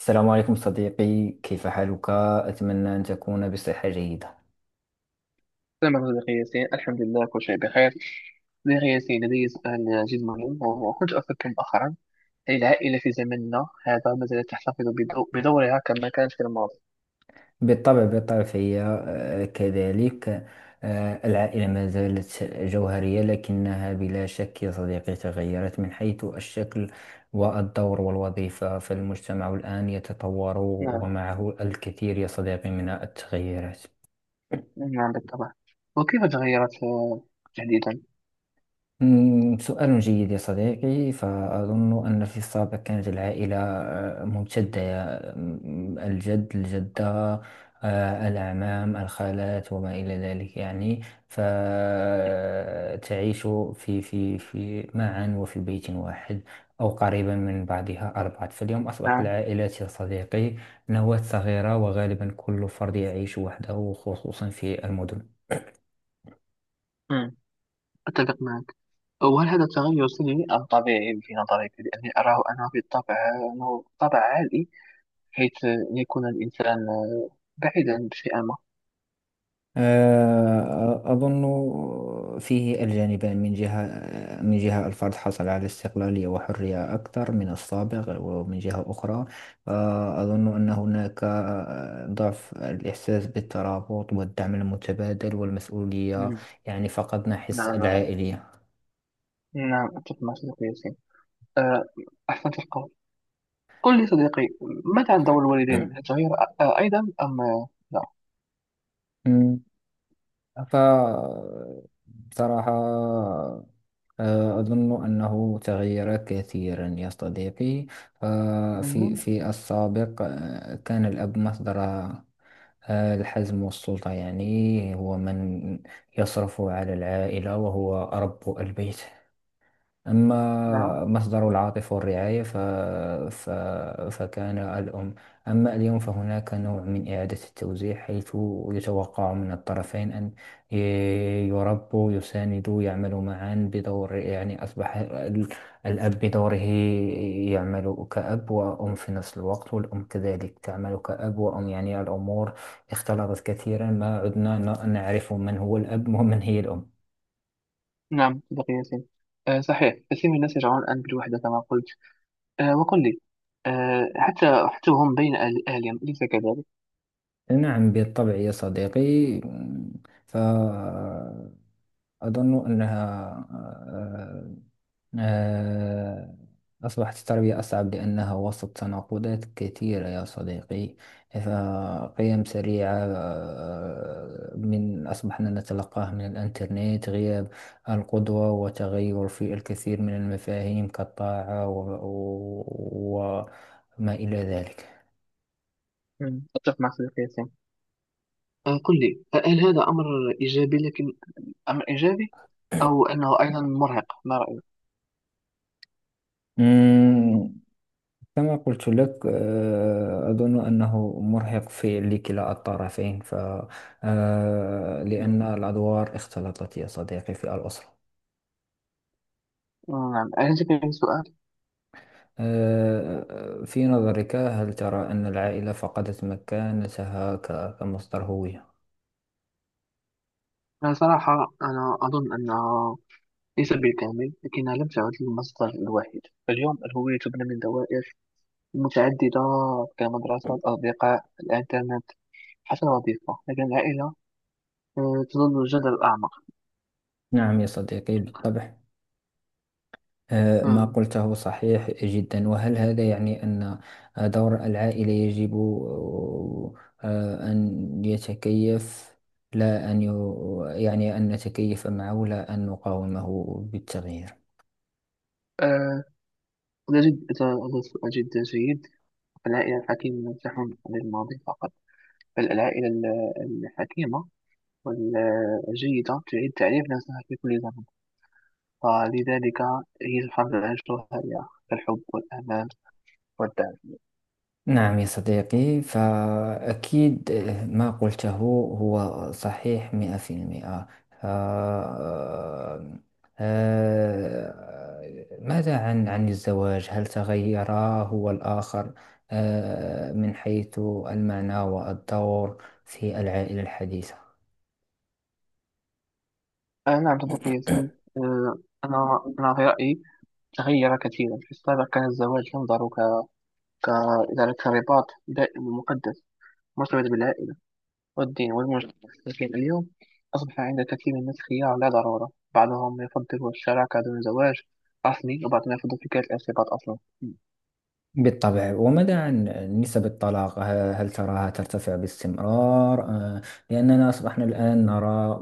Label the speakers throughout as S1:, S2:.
S1: السلام عليكم صديقي، كيف حالك؟ أتمنى أن تكون بصحة جيدة.
S2: السلام عليكم أخي ياسين، الحمد لله كل شيء بخير. أخي ياسين، لدي سؤال جد مهم وكنت أفكر مؤخرا. هل العائلة في زمننا هذا ما زالت تحتفظ بدورها كما كانت في الماضي؟
S1: بالطبع بالطبع فهي كذلك. العائلة ما زالت جوهرية، لكنها بلا شك يا صديقي تغيرت من حيث الشكل والدور والوظيفة. فالمجتمع الآن يتطور
S2: نعم.
S1: ومعه الكثير يا صديقي من التغيرات.
S2: نعم بالطبع. وكيف تغيرت تحديدا؟
S1: سؤال جيد يا صديقي. فأظن أن في السابق كانت العائلة ممتدة، الجد، الجدة، الأعمام، الخالات، وما إلى ذلك، يعني. فتعيش في معا وفي بيت واحد، أو قريبا من بعضها أربعة. فاليوم أصبحت
S2: نعم.
S1: العائلات يا صديقي نواة صغيرة، وغالبا كل فرد يعيش وحده خصوصا في المدن.
S2: مم. أتفق معك. وهل هذا التغير سلبي أم طبيعي في نظرك؟ لأني أراه أنا بالطبع أنه طبع عالي، حيث يكون الإنسان بعيدا بشيء ما.
S1: أظن فيه الجانبان، من جهة الفرد حصل على استقلالية وحرية أكثر من السابق، ومن جهة أخرى أظن أن هناك ضعف الإحساس بالترابط والدعم المتبادل والمسؤولية.
S2: مم.
S1: يعني فقدنا حس
S2: نعم. نعم
S1: العائلية.
S2: نعم، أتفق معك أخي ياسين. آه، أحسنت القول. قل لي صديقي، ماذا عن دور الوالدين؟ هل تغير أيضا أم لا؟
S1: مم. ف بصراحة، أظن أنه تغير كثيرا يا صديقي. ففي في
S2: مهم.
S1: في السابق كان الأب مصدر الحزم والسلطة، يعني هو من يصرف على العائلة وهو رب البيت. أما
S2: نعم.
S1: مصدر العاطفة والرعاية ف... فكان الأم. أما اليوم فهناك نوع من إعادة التوزيع، حيث يتوقع من الطرفين أن ي- يربوا، يساندوا، يعملوا معا بدور. يعني أصبح الأب بدوره يعمل كأب وأم في نفس الوقت، والأم كذلك تعمل كأب وأم. يعني الأمور اختلطت كثيرا، ما عدنا نعرف من هو الأب ومن هي الأم.
S2: نعم صديقي ياسين، صحيح كثير من الناس يشعرون الآن بالوحدة كما قلت. وقل لي، حتى هم بين أهلهم أليس كذلك؟
S1: نعم بالطبع يا صديقي. فأظن أنها آه، آه، أصبحت التربية أصعب لأنها وسط تناقضات كثيرة يا صديقي. فقيم سريعة من أصبحنا نتلقاها من الإنترنت، غياب القدوة، وتغير في الكثير من المفاهيم كالطاعة وما إلى ذلك.
S2: مم. أتفق معك صديقي ياسين. قل لي، هل هذا أمر إيجابي؟ لكن أمر إيجابي أو أنه أيضا مرهق، ما رأيك؟
S1: كما قلت لك، أظن أنه مرهق في لكلا الطرفين. ف آه،
S2: مم.
S1: لأن الأدوار اختلطت يا صديقي في الأسرة.
S2: نعم أعجبني السؤال.
S1: في نظرك، هل ترى أن العائلة فقدت مكانتها كمصدر هوية؟
S2: أنا صراحة أظن أنه ليس بالكامل، لكنها لم تعد المصدر الوحيد. اليوم الهوية تبنى من دوائر متعددة، كمدرسة الأصدقاء الإنترنت حتى الوظيفة، لكن العائلة تظل الجذر الأعمق.
S1: نعم يا صديقي بالطبع. ما
S2: مم.
S1: قلته صحيح جدا. وهل هذا يعني أن دور العائلة يجب أن يتكيف، لا أن يعني، أن نتكيف معه لا أن نقاومه بالتغيير.
S2: آه، لا جد لا سؤال جدا جيد. العائلة الحكيمة لم تحن عن الماضي فقط، بل العائلة الحكيمة والجيدة تعيد تعريف نفسها في كل زمن. فلذلك هي الحمد لله الشهية كالحب والأمان والدعم.
S1: نعم يا صديقي، فأكيد ما قلته هو صحيح 100%. ف- آه، آه، ماذا عن الزواج، هل تغير هو الآخر من حيث المعنى والدور في العائلة الحديثة؟
S2: أنا عبد الغفور ياسين. آه، أنا في رأيي تغير كثيرا. في السابق كان الزواج ينظر ك ك إلى كرباط دائم ومقدس مرتبط بالعائلة والدين والمجتمع، لكن اليوم أصبح عند كثير من الناس خيار لا ضرورة. بعضهم يفضل الشراكة دون زواج رسمي، وبعضهم يفضل فكرة الارتباط أصلا. مم.
S1: بالطبع. وماذا عن نسب الطلاق، هل تراها ترتفع باستمرار لأننا أصبحنا الآن نرى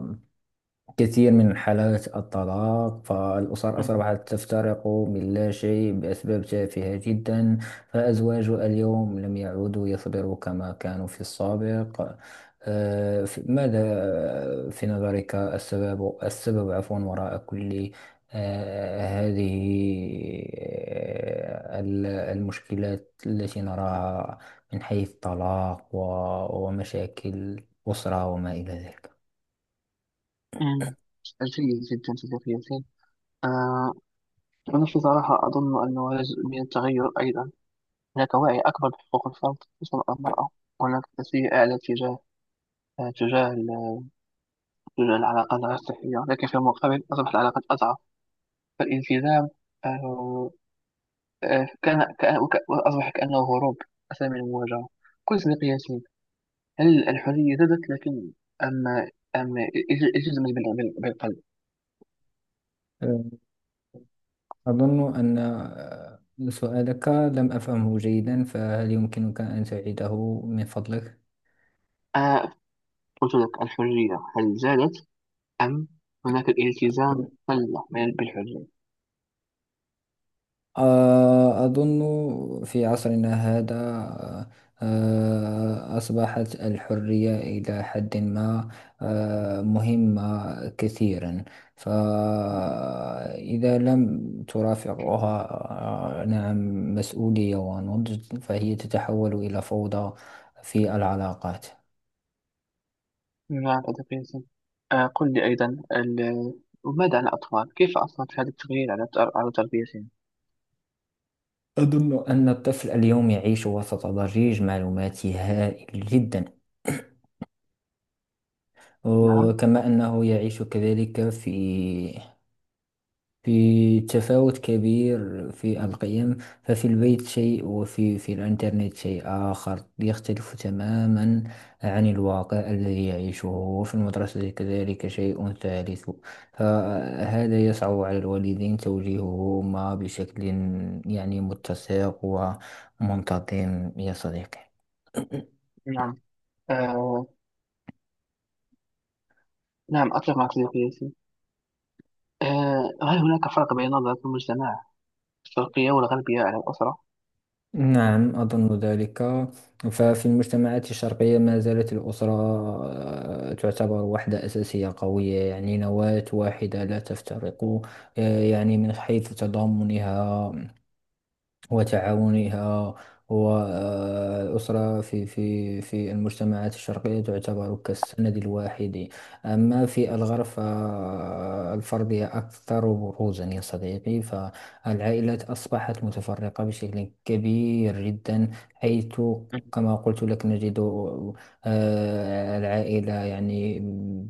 S1: كثير من حالات الطلاق، فالأسر أصبحت تفترق من لا شيء بأسباب تافهة جدا. فأزواج اليوم لم يعودوا يصبروا كما كانوا في السابق. آه، ف- ماذا آه، في نظرك، السبب، عفوا، وراء كل هذه المشكلات التي نراها من حيث الطلاق ومشاكل الأسرة وما إلى ذلك.
S2: مم. جيد جدا صديقي ياسين. آه، أنا في صراحة أظن أنه جزء من التغير أيضا. هناك وعي أكبر بحقوق الفرد، خصوصا المرأة، وهناك تسوية أعلى تجاه تجاه تجاه العلاقات غير صحية، لكن في المقابل أصبحت العلاقات أضعف. فالالتزام آه، وأصبح كأنه هروب أسهل من المواجهة. كل مقياسين، هل الحرية زادت؟ لكن أم أم التزمت بالقلب؟
S1: أظن أن سؤالك لم أفهمه جيدا، فهل يمكنك أن تعيده من فضلك؟
S2: آه، قلت لك الحرية هل زادت أم هناك الالتزام بالحرية؟
S1: أظن في عصرنا هذا أصبحت الحرية إلى حد ما مهمة كثيرا، فإذا لم ترافقها نعم، مسؤولية ونضج، فهي تتحول إلى فوضى في العلاقات.
S2: بما عن الأدب؟ آه، قل لي أيضا، وماذا عن الأطفال؟ كيف أثرت هذا التغيير على على تربيتهم؟
S1: أظن أن الطفل اليوم يعيش وسط ضجيج معلوماتي هائل جدا.
S2: نعم.
S1: وكما أنه يعيش كذلك في تفاوت كبير في القيم. ففي البيت شيء، وفي الإنترنت شيء آخر يختلف تماما عن الواقع الذي يعيشه. وفي المدرسة كذلك شيء ثالث. فهذا يصعب على الوالدين توجيههما بشكل يعني متسق ومنتظم يا صديقي.
S2: نعم. آه. نعم أتفق مع صديقي. آه، هل هناك فرق بين نظرة المجتمع الشرقية والغربية على الأسرة؟
S1: نعم أظن ذلك. ففي المجتمعات الشرقية ما زالت الأسرة تعتبر وحدة أساسية قوية، يعني نواة واحدة لا تفترق، يعني من حيث تضامنها وتعاونها. والأسرة في المجتمعات الشرقية تعتبر كالسند الواحد. أما في الغرب فالفردية أكثر بروزا يا صديقي، فالعائلات أصبحت متفرقة بشكل كبير جدا، حيث كما قلت لك نجد العائلة يعني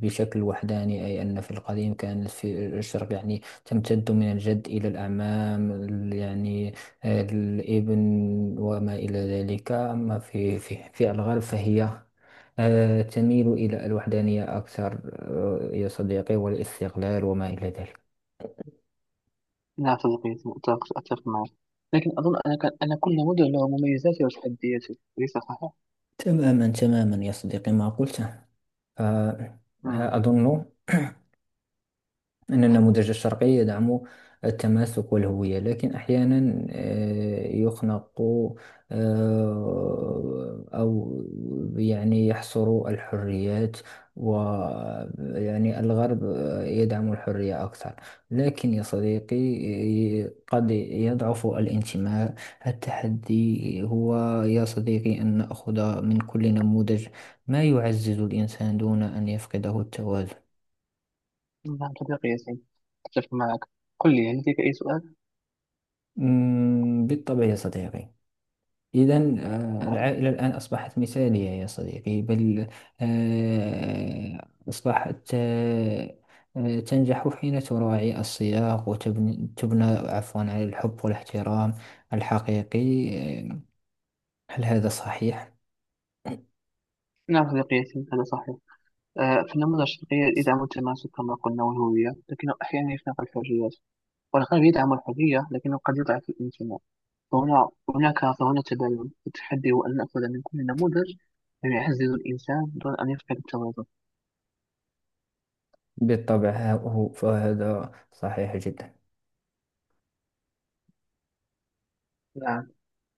S1: بشكل وحداني. أي أن في القديم كانت في الشرق يعني تمتد من الجد إلى الأعمام، يعني الابن وما إلى ذلك. أما في الغرب فهي تميل إلى الوحدانية أكثر، يا صديقي، والاستقلال وما إلى ذلك.
S2: نعم صديقي، أتفق معك، لكن أظن أن كل نموذج له مميزاته وتحدياته، أليس صحيح؟
S1: تماما تماما يا صديقي ما قلته. آه،
S2: مم.
S1: أظن أن النموذج الشرقي يدعم التماسك والهوية، لكن أحيانا يخنق أو يعني يحصر الحريات. ويعني الغرب يدعم الحرية أكثر، لكن يا صديقي قد يضعف الانتماء. التحدي هو يا صديقي أن نأخذ من كل نموذج ما يعزز الإنسان دون أن يفقده التوازن.
S2: نعم صديقي ياسين، أتفق معك. قل لي، هل لديك أي سؤال؟
S1: بالطبع يا صديقي. إذا،
S2: نعم.
S1: العائلة الآن أصبحت مثالية يا صديقي، بل أصبحت تنجح حين تراعي السياق، وتبني تبنى عفوا على الحب والاحترام الحقيقي. آه، هل هذا صحيح؟
S2: نعم صديقي ياسين، هذا صحيح. آه، في النموذج الشرقي يدعم التماسك كما قلنا والهوية، لكنه أحيانا يخنق الحريات. والغرب يدعم الحرية لكنه قد يضعف الانتماء. فهنا هناك فهنا تباين. التحدي هو أن نأخذ من كل نموذج ما يعزز الإنسان دون أن يفقد التوازن.
S1: بالطبع. فهذا صحيح جدا.
S2: نعم